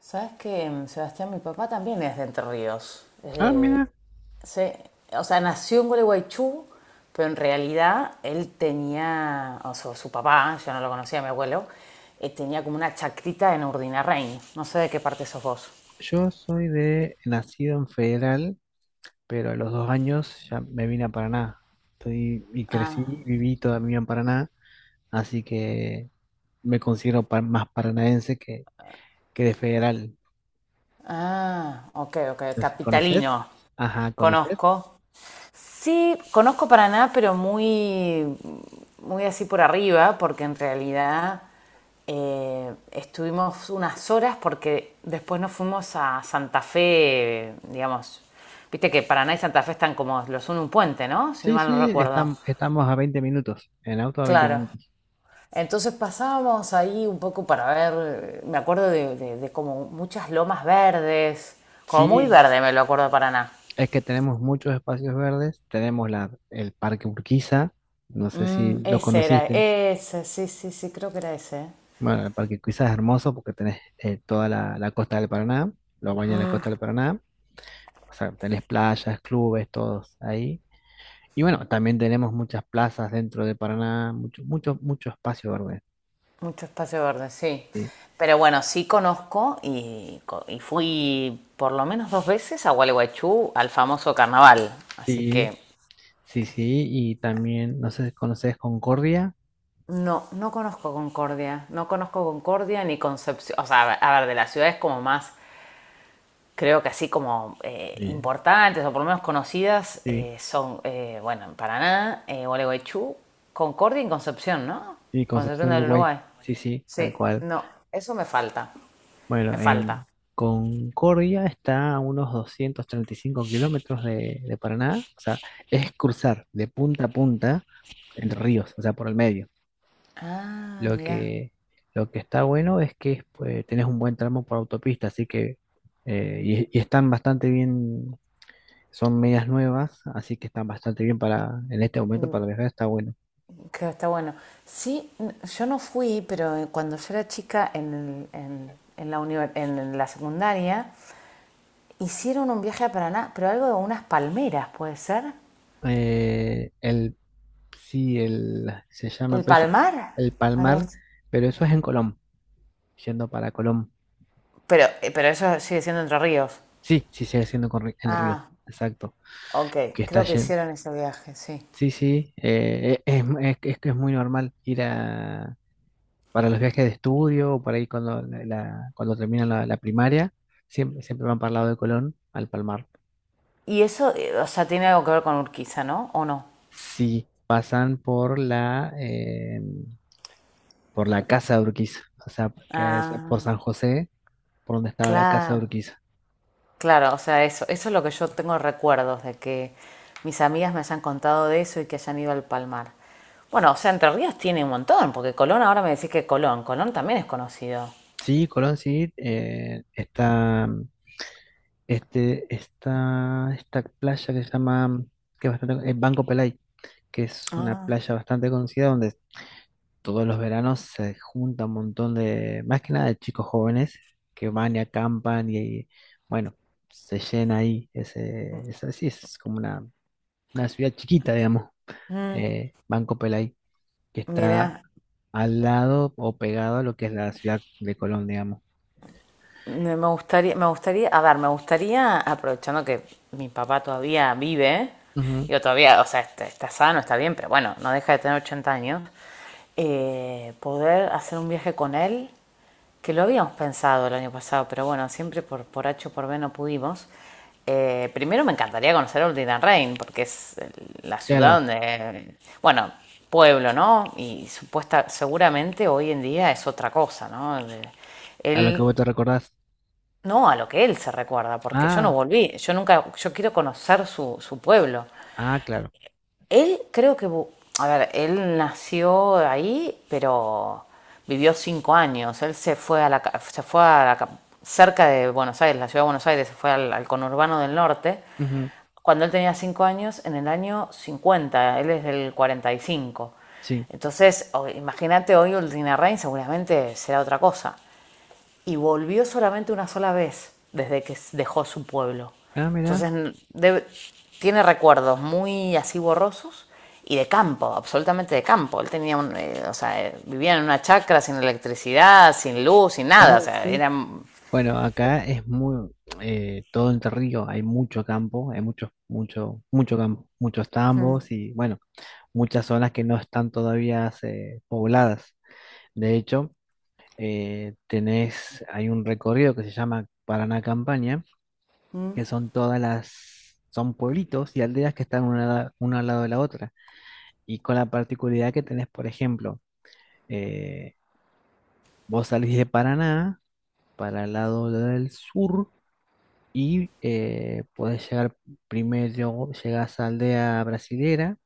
Sabes que Sebastián, mi papá también es de Entre Ríos. Es Ah, de- mira, se- o sea, Nació en Gualeguaychú, pero en realidad él tenía, o sea, su papá, yo no lo conocía, mi abuelo, tenía como una chacrita en Urdinarrain. No sé de qué parte sos vos. yo soy de nacido en Federal, pero a los 2 años ya me vine a Paraná. Estoy y crecí Ah, y viví toda mi vida en Paraná, así que me considero más paranaense que de Federal. ah, ok, ok, Entonces, ¿conoces? capitalino. Ajá, ¿conoces? Conozco, sí, conozco Paraná, pero muy así por arriba, porque en realidad estuvimos unas horas porque después nos fuimos a Santa Fe, digamos. Viste que Paraná y Santa Fe están como los uno un puente, ¿no? Si no Sí, mal no sí, recuerdo. Estamos a 20 minutos, en auto a 20 Claro. minutos. Entonces pasábamos ahí un poco para ver, me acuerdo de como muchas lomas verdes, como muy Sí, verde me lo acuerdo de Paraná. es que tenemos muchos espacios verdes, tenemos el Parque Urquiza, no sé Mm, si lo ese era, conociste. ese, sí, sí, sí, creo que era ese. Bueno, el Parque Cuiza es hermoso porque tenés toda la costa del Paraná, lo baña la costa del Paraná, o sea, tenés playas, clubes, todos ahí. Y bueno, también tenemos muchas plazas dentro de Paraná, mucho, mucho, mucho espacio verde. Mucho espacio verde, sí. Sí, Pero bueno, sí conozco y fui por lo menos dos veces a Gualeguaychú al famoso carnaval. Así sí, que sí, sí, y también, no sé si conoces Concordia. no, no conozco Concordia. No conozco Concordia ni Concepción. O sea, a ver, de las ciudades como más, creo que así como Sí, importantes o por lo menos conocidas sí, son, bueno, en Paraná, Gualeguaychú, Concordia y Concepción, ¿no? sí, Concepción Concepción del Uruguay, Uruguay. sí, sí, tal Sí, cual. no, eso me falta. Me Bueno, falta. en Concordia está a unos 235 kilómetros de Paraná, o sea, es cruzar de punta a punta Entre Ríos, o sea, por el medio. Ah, Lo mira. que, lo que está bueno es que pues, tenés un buen tramo por autopista, así que, y están bastante bien, son medias nuevas, así que están bastante bien para, en este momento para viajar, está bueno. Que está bueno. Sí, yo no fui, pero cuando yo era chica en la, univers en la secundaria, hicieron un viaje a Paraná, pero algo de unas palmeras, ¿puede ser? Eh, el, sí, se llama ¿El peso, Palmar? el Algo Palmar, así. pero eso es en Colón, yendo para Colón. Pero eso sigue siendo Entre Ríos. Sí, sí, sigue siendo el río, Ah, exacto, ok, que está creo que yendo. hicieron ese viaje, sí. Sí, sí, es que es muy normal ir para los viajes de estudio, o por ahí cuando terminan la primaria, siempre van para el lado de Colón, al Palmar. Y eso, o sea, tiene algo que ver con Urquiza, ¿no? ¿O no? Sí, pasan por la Casa de Urquiza, o sea, que es por Ah, San José, por donde estaba la Casa de claro. Urquiza. Claro, o sea, eso es lo que yo tengo recuerdos de que mis amigas me hayan contado de eso y que hayan ido al Palmar. Bueno, o sea, Entre Ríos tiene un montón, porque Colón ahora me decís que Colón también es conocido. Sí, Colón, sí, está esta playa que se llama, que es bastante, Banco Pelay, que es una Ah, playa bastante conocida donde todos los veranos se junta un montón de, más que nada de chicos jóvenes que van y acampan y bueno, se llena ahí, ese, es sí es como una ciudad chiquita, digamos, mm, Banco Pelay, que está mira, al lado o pegado a lo que es la ciudad de Colón, digamos. Me gustaría, a ver, me gustaría, aprovechando que mi papá todavía vive, Ujú, yo todavía, o sea, está, está sano, está bien, pero bueno, no deja de tener 80 años, poder hacer un viaje con él que lo habíamos pensado el año pasado, pero bueno, siempre por H o por B no pudimos. Primero me encantaría conocer Ordina porque es la ciudad claro, donde, bueno, pueblo, ¿no? Y supuesta, seguramente hoy en día es otra cosa, ¿no? a lo que Él, vos te recordás. no a lo que él se recuerda, porque yo no Ah, volví, yo nunca, yo quiero conocer su, su pueblo. ah, claro. Él creo que, a ver, él nació ahí, pero vivió 5 años. Él se fue a la, se fue a la cerca de Buenos Aires, la ciudad de Buenos Aires, se fue al conurbano del norte. Ujú, Cuando él tenía 5 años, en el año 50, él es del 45. sí. Entonces, imagínate hoy Ultinarrain seguramente será otra cosa y volvió solamente una sola vez desde que dejó su pueblo. Ah, mirá, Entonces debe- tiene recuerdos muy así borrosos y de campo, absolutamente de campo. Él tenía un, o sea, vivía en una chacra sin electricidad, sin luz, sin nada. O claro, sea, sí. era Bueno, acá es muy todo Entre Ríos, hay mucho campo, hay mucho, mucho, mucho campo, muchos tambos y bueno, muchas zonas que no están todavía pobladas. De hecho, hay un recorrido que se llama Paraná Campaña, que son todas las, son pueblitos y aldeas que están una al lado de la otra. Y con la particularidad que tenés, por ejemplo, eh, vos salís de Paraná para el lado del sur y podés llegar primero, llegás a Aldea Brasilera,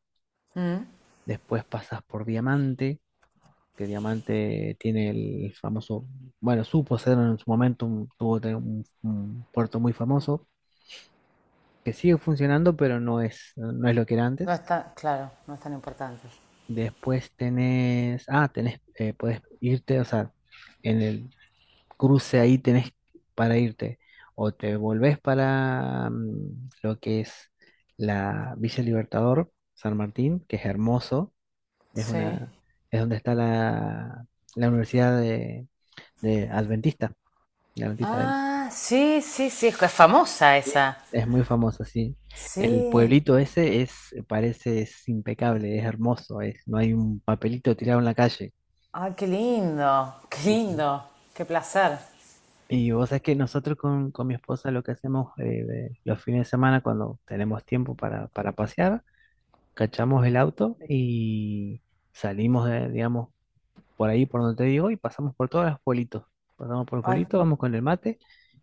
mm, después pasas por Diamante, que Diamante tiene el famoso, bueno, supo ser en su momento, un, tuvo te- un puerto muy famoso, que sigue funcionando, pero no es lo que era no antes. es tan, claro, no es tan importante. Después podés irte, o sea, en el cruce ahí tenés para irte. O te volvés para lo que es la Villa Libertador, San Martín, que es hermoso, es Sí. una, es donde está la Universidad de Adventista, la Adventista del Ah, sí, sí, sí, es famosa Sí, esa. es muy famosa, sí. El Sí. pueblito ese es, parece, es impecable, es hermoso, es, no hay un papelito tirado en la calle. Ay, qué lindo, qué Sí, sí. lindo, qué placer. Y vos sabés que nosotros con mi esposa lo que hacemos los fines de semana cuando tenemos tiempo para, pasear, cachamos el auto y salimos, de, digamos, por ahí por donde te digo y pasamos por todos los pueblitos. Pasamos por el Ay, pueblito, vamos con el mate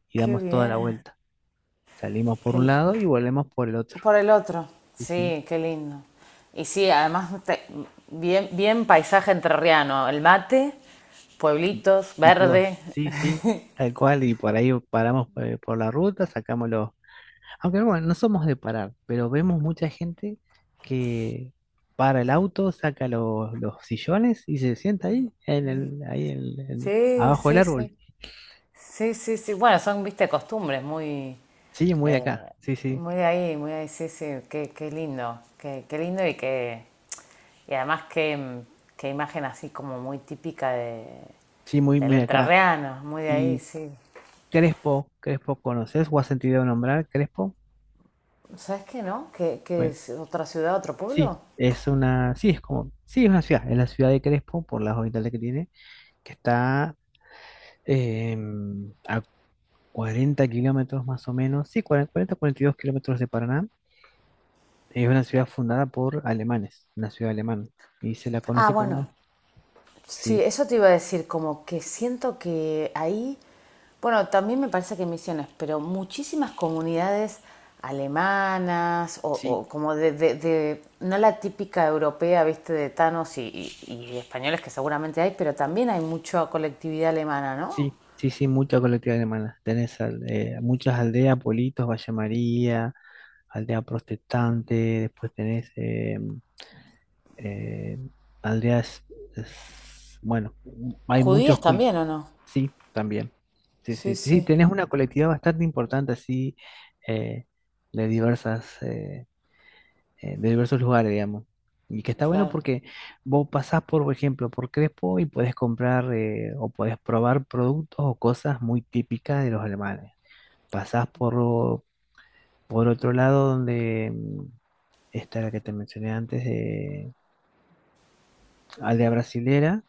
y qué damos toda la bien. vuelta. Salimos por un lado Qué, y volvemos por el otro. por el otro. Sí, sí. Sí, qué lindo. Y sí, además, te- bien, bien paisaje entrerriano. El mate, Y, pueblitos, y todo. verde. Sí, sí, tal cual. Y por ahí paramos por la ruta, aunque bueno, no somos de parar, pero vemos mucha gente que para el auto, saca los sillones y se sienta ahí, Sí, abajo del sí, árbol. sí. Sí, sí, sí. Bueno, son, viste, costumbres Sí, muy de eh, acá, sí, sí, muy de ahí, muy de ahí. Sí, sí. Qué, qué lindo. Qué, qué lindo y que y además qué, qué imagen así como muy típica de, sí, muy, del muy de acá. entrerriano. Muy de ahí, Y sí. Crespo, Crespo, ¿conoces o has sentido nombrar Crespo? ¿Sabes qué, no? ¿Qué, qué Bueno, es otra ciudad, otro sí, pueblo? es una, sí, es como, sí, es una ciudad, es la ciudad de Crespo, por las habitantes que tiene, que está a 40 kilómetros más o menos, sí, 42 kilómetros de Paraná. Es una ciudad fundada por alemanes, una ciudad alemana. Y se la Ah, conoce como... bueno, sí, Sí, eso te iba a decir, como que siento que ahí, bueno, también me parece que misiones, pero muchísimas comunidades alemanas sí, o como no la típica europea, viste, de tanos y españoles que seguramente hay, pero también hay mucha colectividad alemana, ¿no? sí, sí, sí, mucha colectividad alemana. Tenés muchas aldeas, Politos, Valle María, aldea protestante, después tenés eh, aldeas... bueno, hay muchos... Judías poli- también, ¿o no? Sí, también. Sí, sí, Sí, sí, sí, tenés una colectividad bastante importante así, eh, de diversas... de diversos lugares, digamos. Y que está bueno claro. porque vos pasás, por ejemplo, por Crespo y podés comprar o podés probar productos o cosas muy típicas de los alemanes. Pasás por, o- por otro lado donde está la que te mencioné antes, de Aldea Brasilera,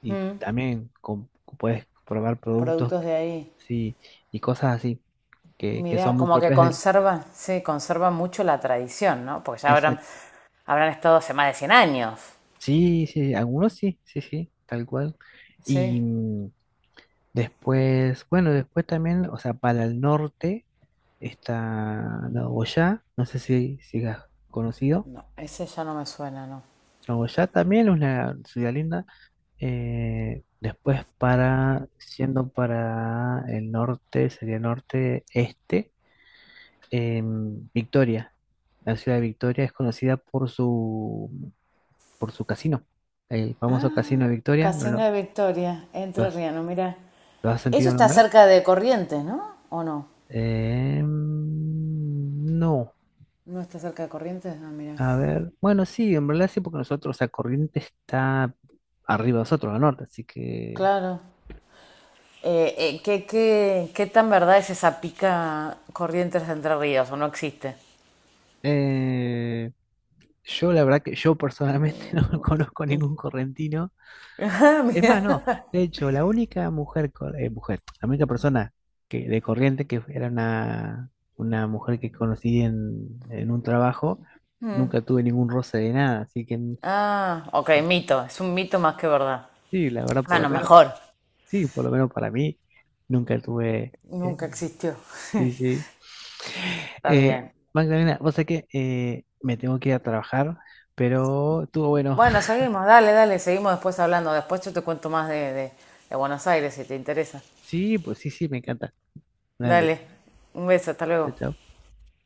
y Mm, también podés probar productos productos de ahí. sí, y cosas así, que son Mira, muy como que propias del... conservan, sí, conservan mucho la tradición, ¿no? Porque ya habrán, Exacto. habrán estado hace más de 100 años. Sí, sí, algunos sí, sí, sí, tal cual. Sí, Y, mm, Después, bueno, después también, o sea, para el norte está Nagoya, no sé si has conocido. no, ese ya no me suena, no. Nagoya también es una ciudad linda. Después siendo para el norte, sería norte este, Victoria. La ciudad de Victoria es conocida por su, casino, el famoso Ah, casino de Victoria, ¿no Casino de Victoria, lo Entre has, Riano, mira. lo has Eso sentido está nombrar? cerca de Corrientes, ¿no? ¿O no? Em, no. ¿No está cerca de Corrientes? Ah, mira. A ver, bueno, sí, en realidad sí, porque nosotros, o sea, Corrientes está arriba de nosotros, al norte, así que Claro. ¿Qué, qué, qué tan verdad es esa pica Corrientes de Entre Ríos? ¿O no existe? eh, yo la verdad que yo personalmente no conozco ningún correntino. Ah, Es más, no, mira. de hecho, la única mujer, la única persona de Corrientes que era una mujer que conocí en un trabajo, Mm. nunca tuve ningún roce de nada, así que Ah, ok, mito. Es un mito más que verdad. sí, la verdad, por lo Bueno, menos, mejor. sí, por lo menos para mí, nunca tuve... eh, Nunca existió. Sí, sí. Está Eh, bien. Magdalena, vos sabés que me tengo que ir a trabajar, pero estuvo bueno. Bueno, seguimos, dale, dale, seguimos después hablando. Después yo te cuento más de Buenos Aires si te interesa. Sí, pues sí, sí, me encanta. Dale. Dale, un beso, hasta Chao, luego. chao.